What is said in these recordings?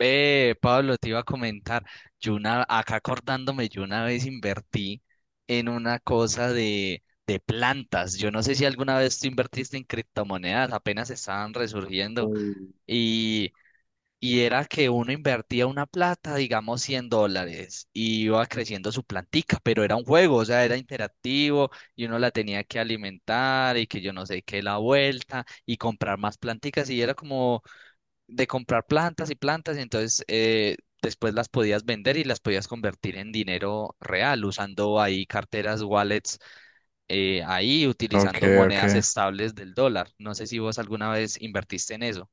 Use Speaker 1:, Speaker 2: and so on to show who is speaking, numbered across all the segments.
Speaker 1: Pablo, te iba a comentar, acá acordándome, yo una vez invertí en una cosa de plantas. Yo no sé si alguna vez tú invertiste en criptomonedas, apenas estaban resurgiendo,
Speaker 2: Mm.
Speaker 1: y, y era que uno invertía una plata, digamos 100 dólares, y iba creciendo su plantica, pero era un juego, o sea, era interactivo, y uno la tenía que alimentar, y que yo no sé qué, la vuelta, y comprar más planticas, y era como de comprar plantas y plantas, y entonces después las podías vender y las podías convertir en dinero real, usando ahí carteras, wallets, ahí
Speaker 2: Ok,
Speaker 1: utilizando
Speaker 2: ok.
Speaker 1: monedas estables del dólar. ¿No sé si vos alguna vez invertiste en eso?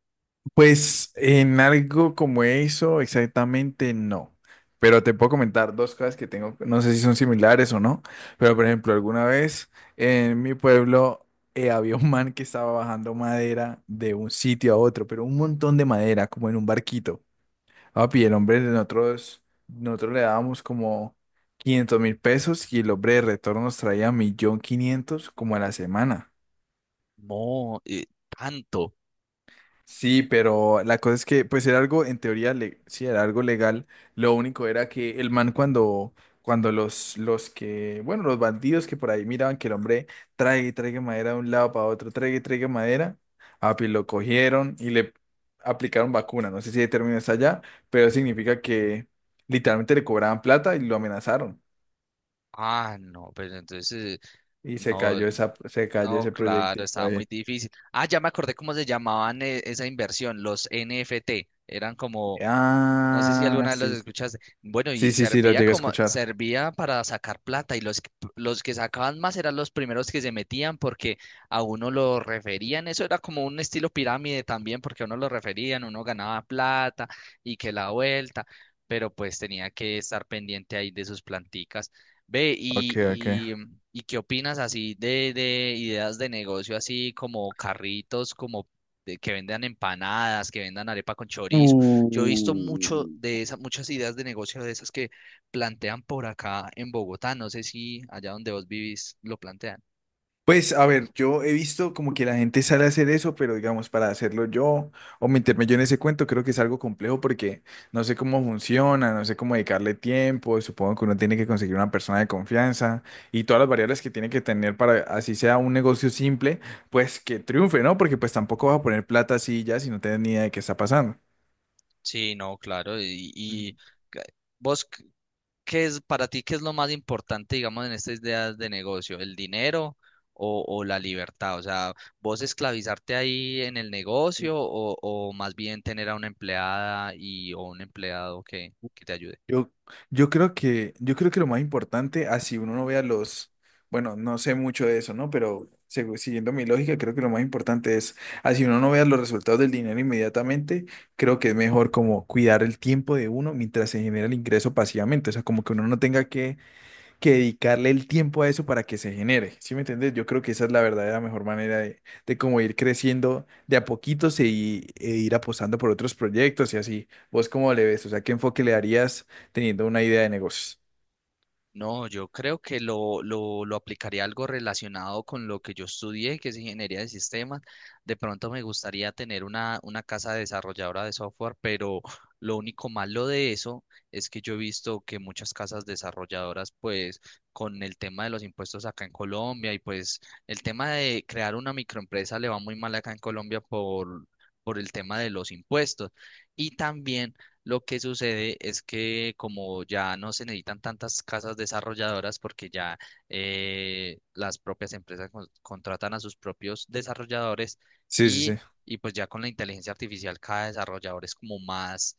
Speaker 2: Pues en algo como eso, exactamente no. Pero te puedo comentar dos cosas que tengo, no sé si son similares o no, pero por ejemplo, alguna vez en mi pueblo había un man que estaba bajando madera de un sitio a otro, pero un montón de madera, como en un barquito. Papi, el hombre de nosotros, nosotros le dábamos como 500.000 pesos y el hombre de retorno nos traía 1.500.000 como a la semana.
Speaker 1: No, tanto.
Speaker 2: Sí, pero la cosa es que, pues era algo, en teoría, sí, era algo legal. Lo único era que el man cuando bueno, los bandidos que por ahí miraban que el hombre trae y traiga madera de un lado para otro, traiga y traiga madera, api, lo cogieron y le aplicaron vacuna. No sé si el término está allá, pero significa que literalmente le cobraban plata y lo amenazaron.
Speaker 1: Ah, no, pues entonces,
Speaker 2: Y
Speaker 1: eh, no,
Speaker 2: se cayó
Speaker 1: no,
Speaker 2: ese
Speaker 1: claro,
Speaker 2: proyectico
Speaker 1: estaba muy
Speaker 2: ahí.
Speaker 1: difícil. Ah, ya me acordé cómo se llamaban esa inversión, los NFT. Eran como, no sé si
Speaker 2: Ah,
Speaker 1: alguna vez los
Speaker 2: sí, sí,
Speaker 1: escuchaste. Bueno,
Speaker 2: sí,
Speaker 1: y
Speaker 2: sí, sí, lo
Speaker 1: servía
Speaker 2: llegué a
Speaker 1: como,
Speaker 2: escuchar.
Speaker 1: servía para sacar plata y los que sacaban más eran los primeros que se metían porque a uno lo referían. Eso era como un estilo pirámide también porque a uno lo referían, uno ganaba plata y que la vuelta, pero pues tenía que estar pendiente ahí de sus planticas. Ve,
Speaker 2: Ok, ok.
Speaker 1: ¿y qué opinas así de ideas de negocio así como carritos, como de que vendan empanadas, que vendan arepa con chorizo? Yo he visto mucho
Speaker 2: Mm,
Speaker 1: de esas, muchas ideas de negocio de esas que plantean por acá en Bogotá. No sé si allá donde vos vivís lo plantean.
Speaker 2: pues a ver, yo he visto como que la gente sale a hacer eso, pero digamos, para hacerlo yo o meterme yo en ese cuento, creo que es algo complejo porque no sé cómo funciona, no sé cómo dedicarle tiempo, supongo que uno tiene que conseguir una persona de confianza y todas las variables que tiene que tener para, así sea un negocio simple, pues que triunfe, ¿no? Porque pues tampoco vas a poner plata así ya si no tienes ni idea de qué está pasando.
Speaker 1: Sí, no, claro. Ca- vos, c- ¿Qué es para ti, qué es lo más importante, digamos, en estas ideas de negocio? ¿El dinero o la libertad? O sea, ¿vos esclavizarte ahí en el negocio o más bien tener a una empleada y o un empleado que te ayude?
Speaker 2: Yo, yo creo que lo más importante, así uno no vea los, bueno, no sé mucho de eso, ¿no? Pero siguiendo mi lógica, creo que lo más importante es, así uno no vea los resultados del dinero inmediatamente, creo que es mejor como cuidar el tiempo de uno mientras se genera el ingreso pasivamente, o sea, como que uno no tenga que dedicarle el tiempo a eso para que se genere. ¿Sí me entiendes? Yo creo que esa es la verdadera mejor manera de cómo ir creciendo de a poquitos e ir apostando por otros proyectos y así. ¿Vos cómo le ves? O sea, ¿qué enfoque le darías teniendo una idea de negocios?
Speaker 1: No, yo creo que lo aplicaría algo relacionado con lo que yo estudié, que es ingeniería de sistemas. De pronto me gustaría tener una casa desarrolladora de software, pero lo único malo de eso es que yo he visto que muchas casas desarrolladoras, pues con el tema de los impuestos acá en Colombia y pues el tema de crear una microempresa le va muy mal acá en Colombia por el tema de los impuestos. Y también lo que sucede es que como ya no se necesitan tantas casas desarrolladoras porque ya las propias empresas contratan a sus propios desarrolladores
Speaker 2: Sí, sí,
Speaker 1: y,
Speaker 2: sí.
Speaker 1: y pues ya con la inteligencia artificial cada desarrollador es como más,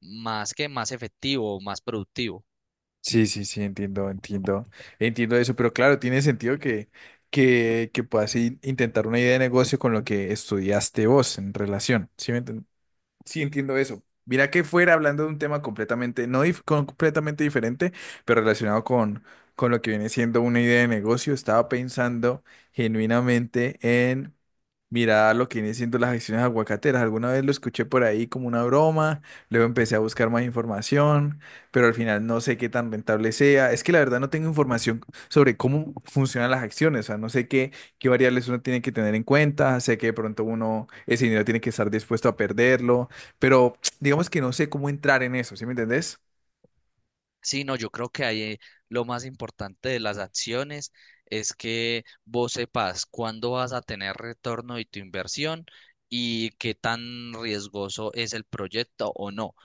Speaker 1: más que más efectivo, más productivo.
Speaker 2: Sí, sí, sí, entiendo, entiendo. Entiendo eso, pero claro, tiene sentido que puedas intentar una idea de negocio con lo que estudiaste vos en relación. ¿Sí me entiendes? Sí, entiendo eso. Mira que fuera hablando de un tema completamente, no completamente diferente, pero relacionado con lo que viene siendo una idea de negocio, estaba pensando genuinamente en mirar lo que viene siendo las acciones aguacateras. Alguna vez lo escuché por ahí como una broma, luego empecé a buscar más información, pero al final no sé qué tan rentable sea. Es que la verdad no tengo información sobre cómo funcionan las acciones, o sea, no sé qué variables uno tiene que tener en cuenta, sé que de pronto uno ese dinero tiene que estar dispuesto a perderlo, pero digamos que no sé cómo entrar en eso, ¿sí me entendés?
Speaker 1: Sí, no, yo creo que ahí lo más importante de las acciones es que vos sepas cuándo vas a tener retorno de tu inversión y qué tan riesgoso es el proyecto o no.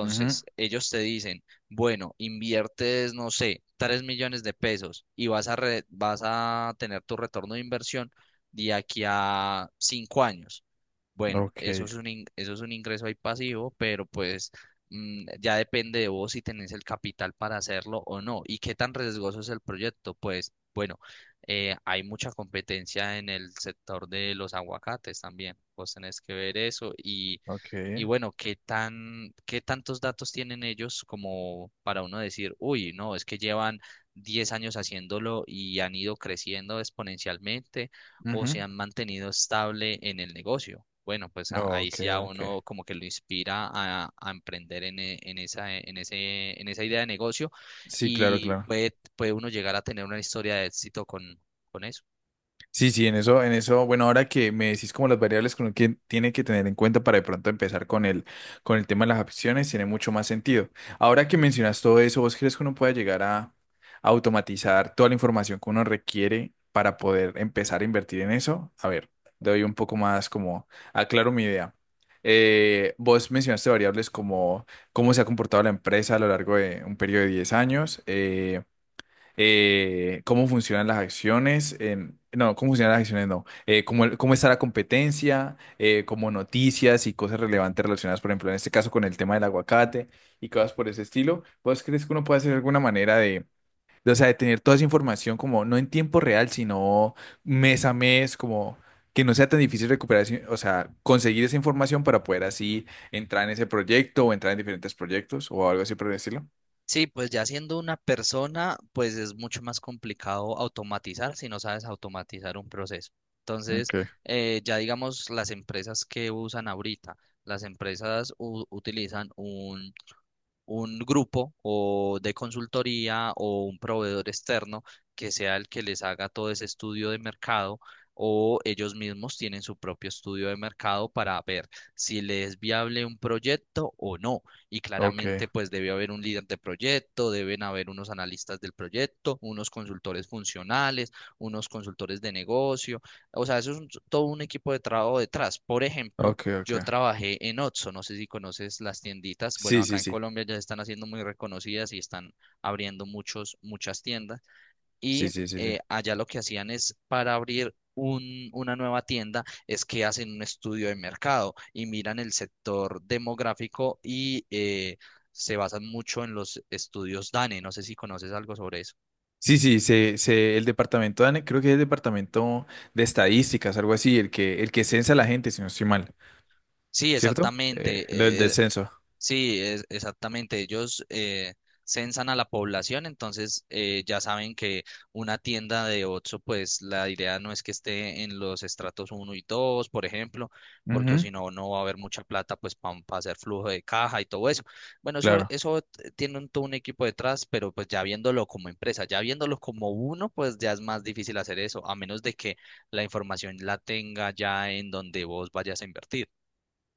Speaker 2: Ujú,
Speaker 1: ellos te dicen, bueno, inviertes, no sé, 3 millones de pesos y vas a vas a tener tu retorno de inversión de aquí a 5 años. Bueno,
Speaker 2: ok,
Speaker 1: eso es un ingreso ahí pasivo, pero pues mm, ya depende de vos si tenés el capital para hacerlo o no. ¿Y qué tan riesgoso es el proyecto? Pues bueno, hay mucha competencia en el sector de los aguacates también. Vos tenés que ver eso
Speaker 2: ok,
Speaker 1: y bueno, qué tantos datos tienen ellos como para uno decir, uy, no, es que llevan 10 años haciéndolo y han ido creciendo exponencialmente o se
Speaker 2: ujú,
Speaker 1: han mantenido estable en el negocio. Bueno, pues ahí
Speaker 2: ok,
Speaker 1: sí ya
Speaker 2: ok.
Speaker 1: uno como que lo inspira a emprender en esa, en esa idea de negocio
Speaker 2: Sí, claro,
Speaker 1: y
Speaker 2: claro.
Speaker 1: puede uno llegar a tener una historia de éxito con eso.
Speaker 2: Sí, sí, en eso, bueno, ahora que me decís como las variables con las que tiene que tener en cuenta para de pronto empezar con el tema de las acciones tiene mucho más sentido. Ahora que mencionas todo eso, ¿vos crees que uno pueda llegar a automatizar toda la información que uno requiere para poder empezar a invertir en eso? A ver, doy un poco más como, aclaro mi idea. Vos mencionaste variables como cómo se ha comportado la empresa a lo largo de un periodo de 10 años, cómo funcionan las acciones, en- no, cómo funcionan las acciones, no, cómo está la competencia, como noticias y cosas relevantes relacionadas, por ejemplo, en este caso con el tema del aguacate y cosas por ese estilo. ¿Vos crees que uno puede hacer alguna manera o sea, de tener toda esa información como no en tiempo real, sino mes a mes, como que no sea tan difícil recuperar, o sea, conseguir esa información para poder así entrar en ese proyecto o entrar en diferentes proyectos o algo así por el estilo?
Speaker 1: Sí, pues ya siendo una persona, pues es mucho más complicado automatizar si no sabes automatizar un proceso. Entonces,
Speaker 2: Okay,
Speaker 1: ya digamos las empresas que usan ahorita, las empresas utilizan un grupo o de consultoría o un proveedor externo que sea el que les haga todo ese estudio de mercado o ellos mismos tienen su propio estudio de mercado para ver si les es viable un proyecto o no. Y
Speaker 2: okay,
Speaker 1: claramente pues debe haber un líder de proyecto, deben haber unos analistas del proyecto, unos consultores funcionales, unos consultores de negocio. O sea, todo un equipo de trabajo detrás. Por ejemplo,
Speaker 2: okay, ok.
Speaker 1: yo trabajé en Otso, no sé si conoces las tienditas. Bueno,
Speaker 2: Sí,
Speaker 1: acá
Speaker 2: sí,
Speaker 1: en
Speaker 2: sí,
Speaker 1: Colombia ya se están haciendo muy reconocidas y están abriendo muchas tiendas. Y
Speaker 2: sí, sí, sí, sí.
Speaker 1: allá lo que hacían es para abrir una nueva tienda, es que hacen un estudio de mercado y miran el sector demográfico y se basan mucho en los estudios DANE. No sé si conoces algo sobre eso.
Speaker 2: Sí, el departamento de, creo que es el departamento de estadísticas, algo así, el que censa a la gente, si no estoy mal,
Speaker 1: Sí,
Speaker 2: ¿cierto?
Speaker 1: exactamente.
Speaker 2: Lo del
Speaker 1: eh,
Speaker 2: descenso.
Speaker 1: Sí, exactamente. Ellos censan a la población, entonces ya saben que una tienda de Oxxo, pues la idea no es que esté en los estratos uno y 2, por ejemplo, porque o si
Speaker 2: Ujú,
Speaker 1: no, no va a haber mucha plata pues para hacer flujo de caja y todo eso. Bueno,
Speaker 2: claro.
Speaker 1: tiene todo un equipo detrás, pero pues ya viéndolo como empresa, ya viéndolo como uno, pues ya es más difícil hacer eso, a menos de que la información la tenga ya en donde vos vayas a invertir.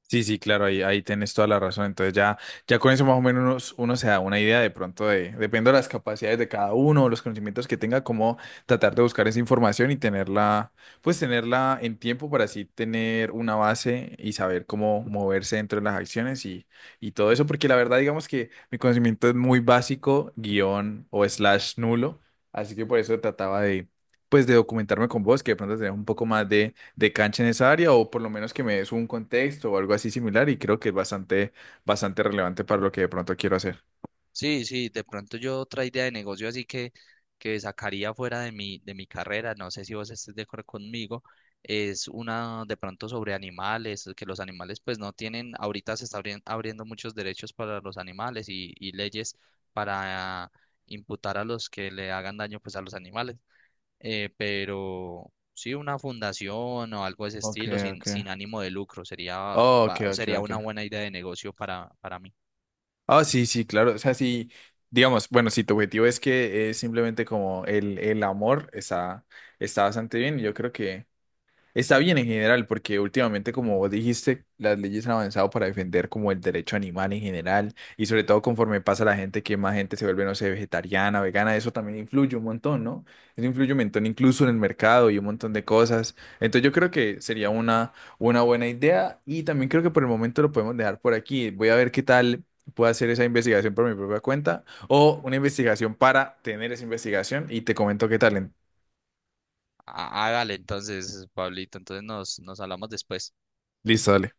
Speaker 2: Sí, sí, claro, ahí tienes toda la razón. Ya con eso más o menos uno se da una idea de pronto de, dependiendo de las capacidades de cada uno, los conocimientos que tenga, cómo tratar de buscar esa información y tenerla, pues tenerla en tiempo para así tener una base y saber cómo moverse dentro de las acciones y todo eso, porque la verdad digamos que mi conocimiento es muy básico, guión o slash nulo, así que por eso trataba de, pues de documentarme con vos, que de pronto tenés un poco más de cancha en esa área o por lo menos que me des un contexto o algo así similar y creo que es bastante relevante para lo que de pronto quiero hacer.
Speaker 1: Sí, sí, de pronto yo otra idea de negocio así que sacaría fuera de mi carrera, no sé si vos estés de acuerdo conmigo, es una de pronto sobre animales, que los animales pues no tienen, ahorita se están abriendo muchos derechos para los animales y leyes para imputar a los que le hagan daño pues a los animales, pero sí una fundación o algo de ese
Speaker 2: Ok,
Speaker 1: estilo
Speaker 2: ok.
Speaker 1: sin ánimo de lucro
Speaker 2: Oh, ok, ok,
Speaker 1: sería
Speaker 2: ok.
Speaker 1: una buena idea de negocio para mí.
Speaker 2: Ah, sí, sí, claro. O sea, sí, digamos, bueno, si tu objetivo es que es simplemente como el amor, está bastante bien y yo creo que... Está bien en general, porque últimamente, como vos dijiste, las leyes han avanzado para defender como el derecho animal en general, y sobre todo conforme pasa la gente, que más gente se vuelve, no sé, vegetariana, vegana, eso también influye un montón, ¿no? Eso influye un montón incluso en el mercado y un montón de cosas. Entonces yo creo que sería una buena idea y también creo que por el momento lo podemos dejar por aquí. Voy a ver qué tal puedo hacer esa investigación por mi propia cuenta o una investigación para tener esa investigación y te comento qué tal.
Speaker 1: Ah, hágale entonces, Pablito. Entonces nos hablamos después.
Speaker 2: Listo, dale.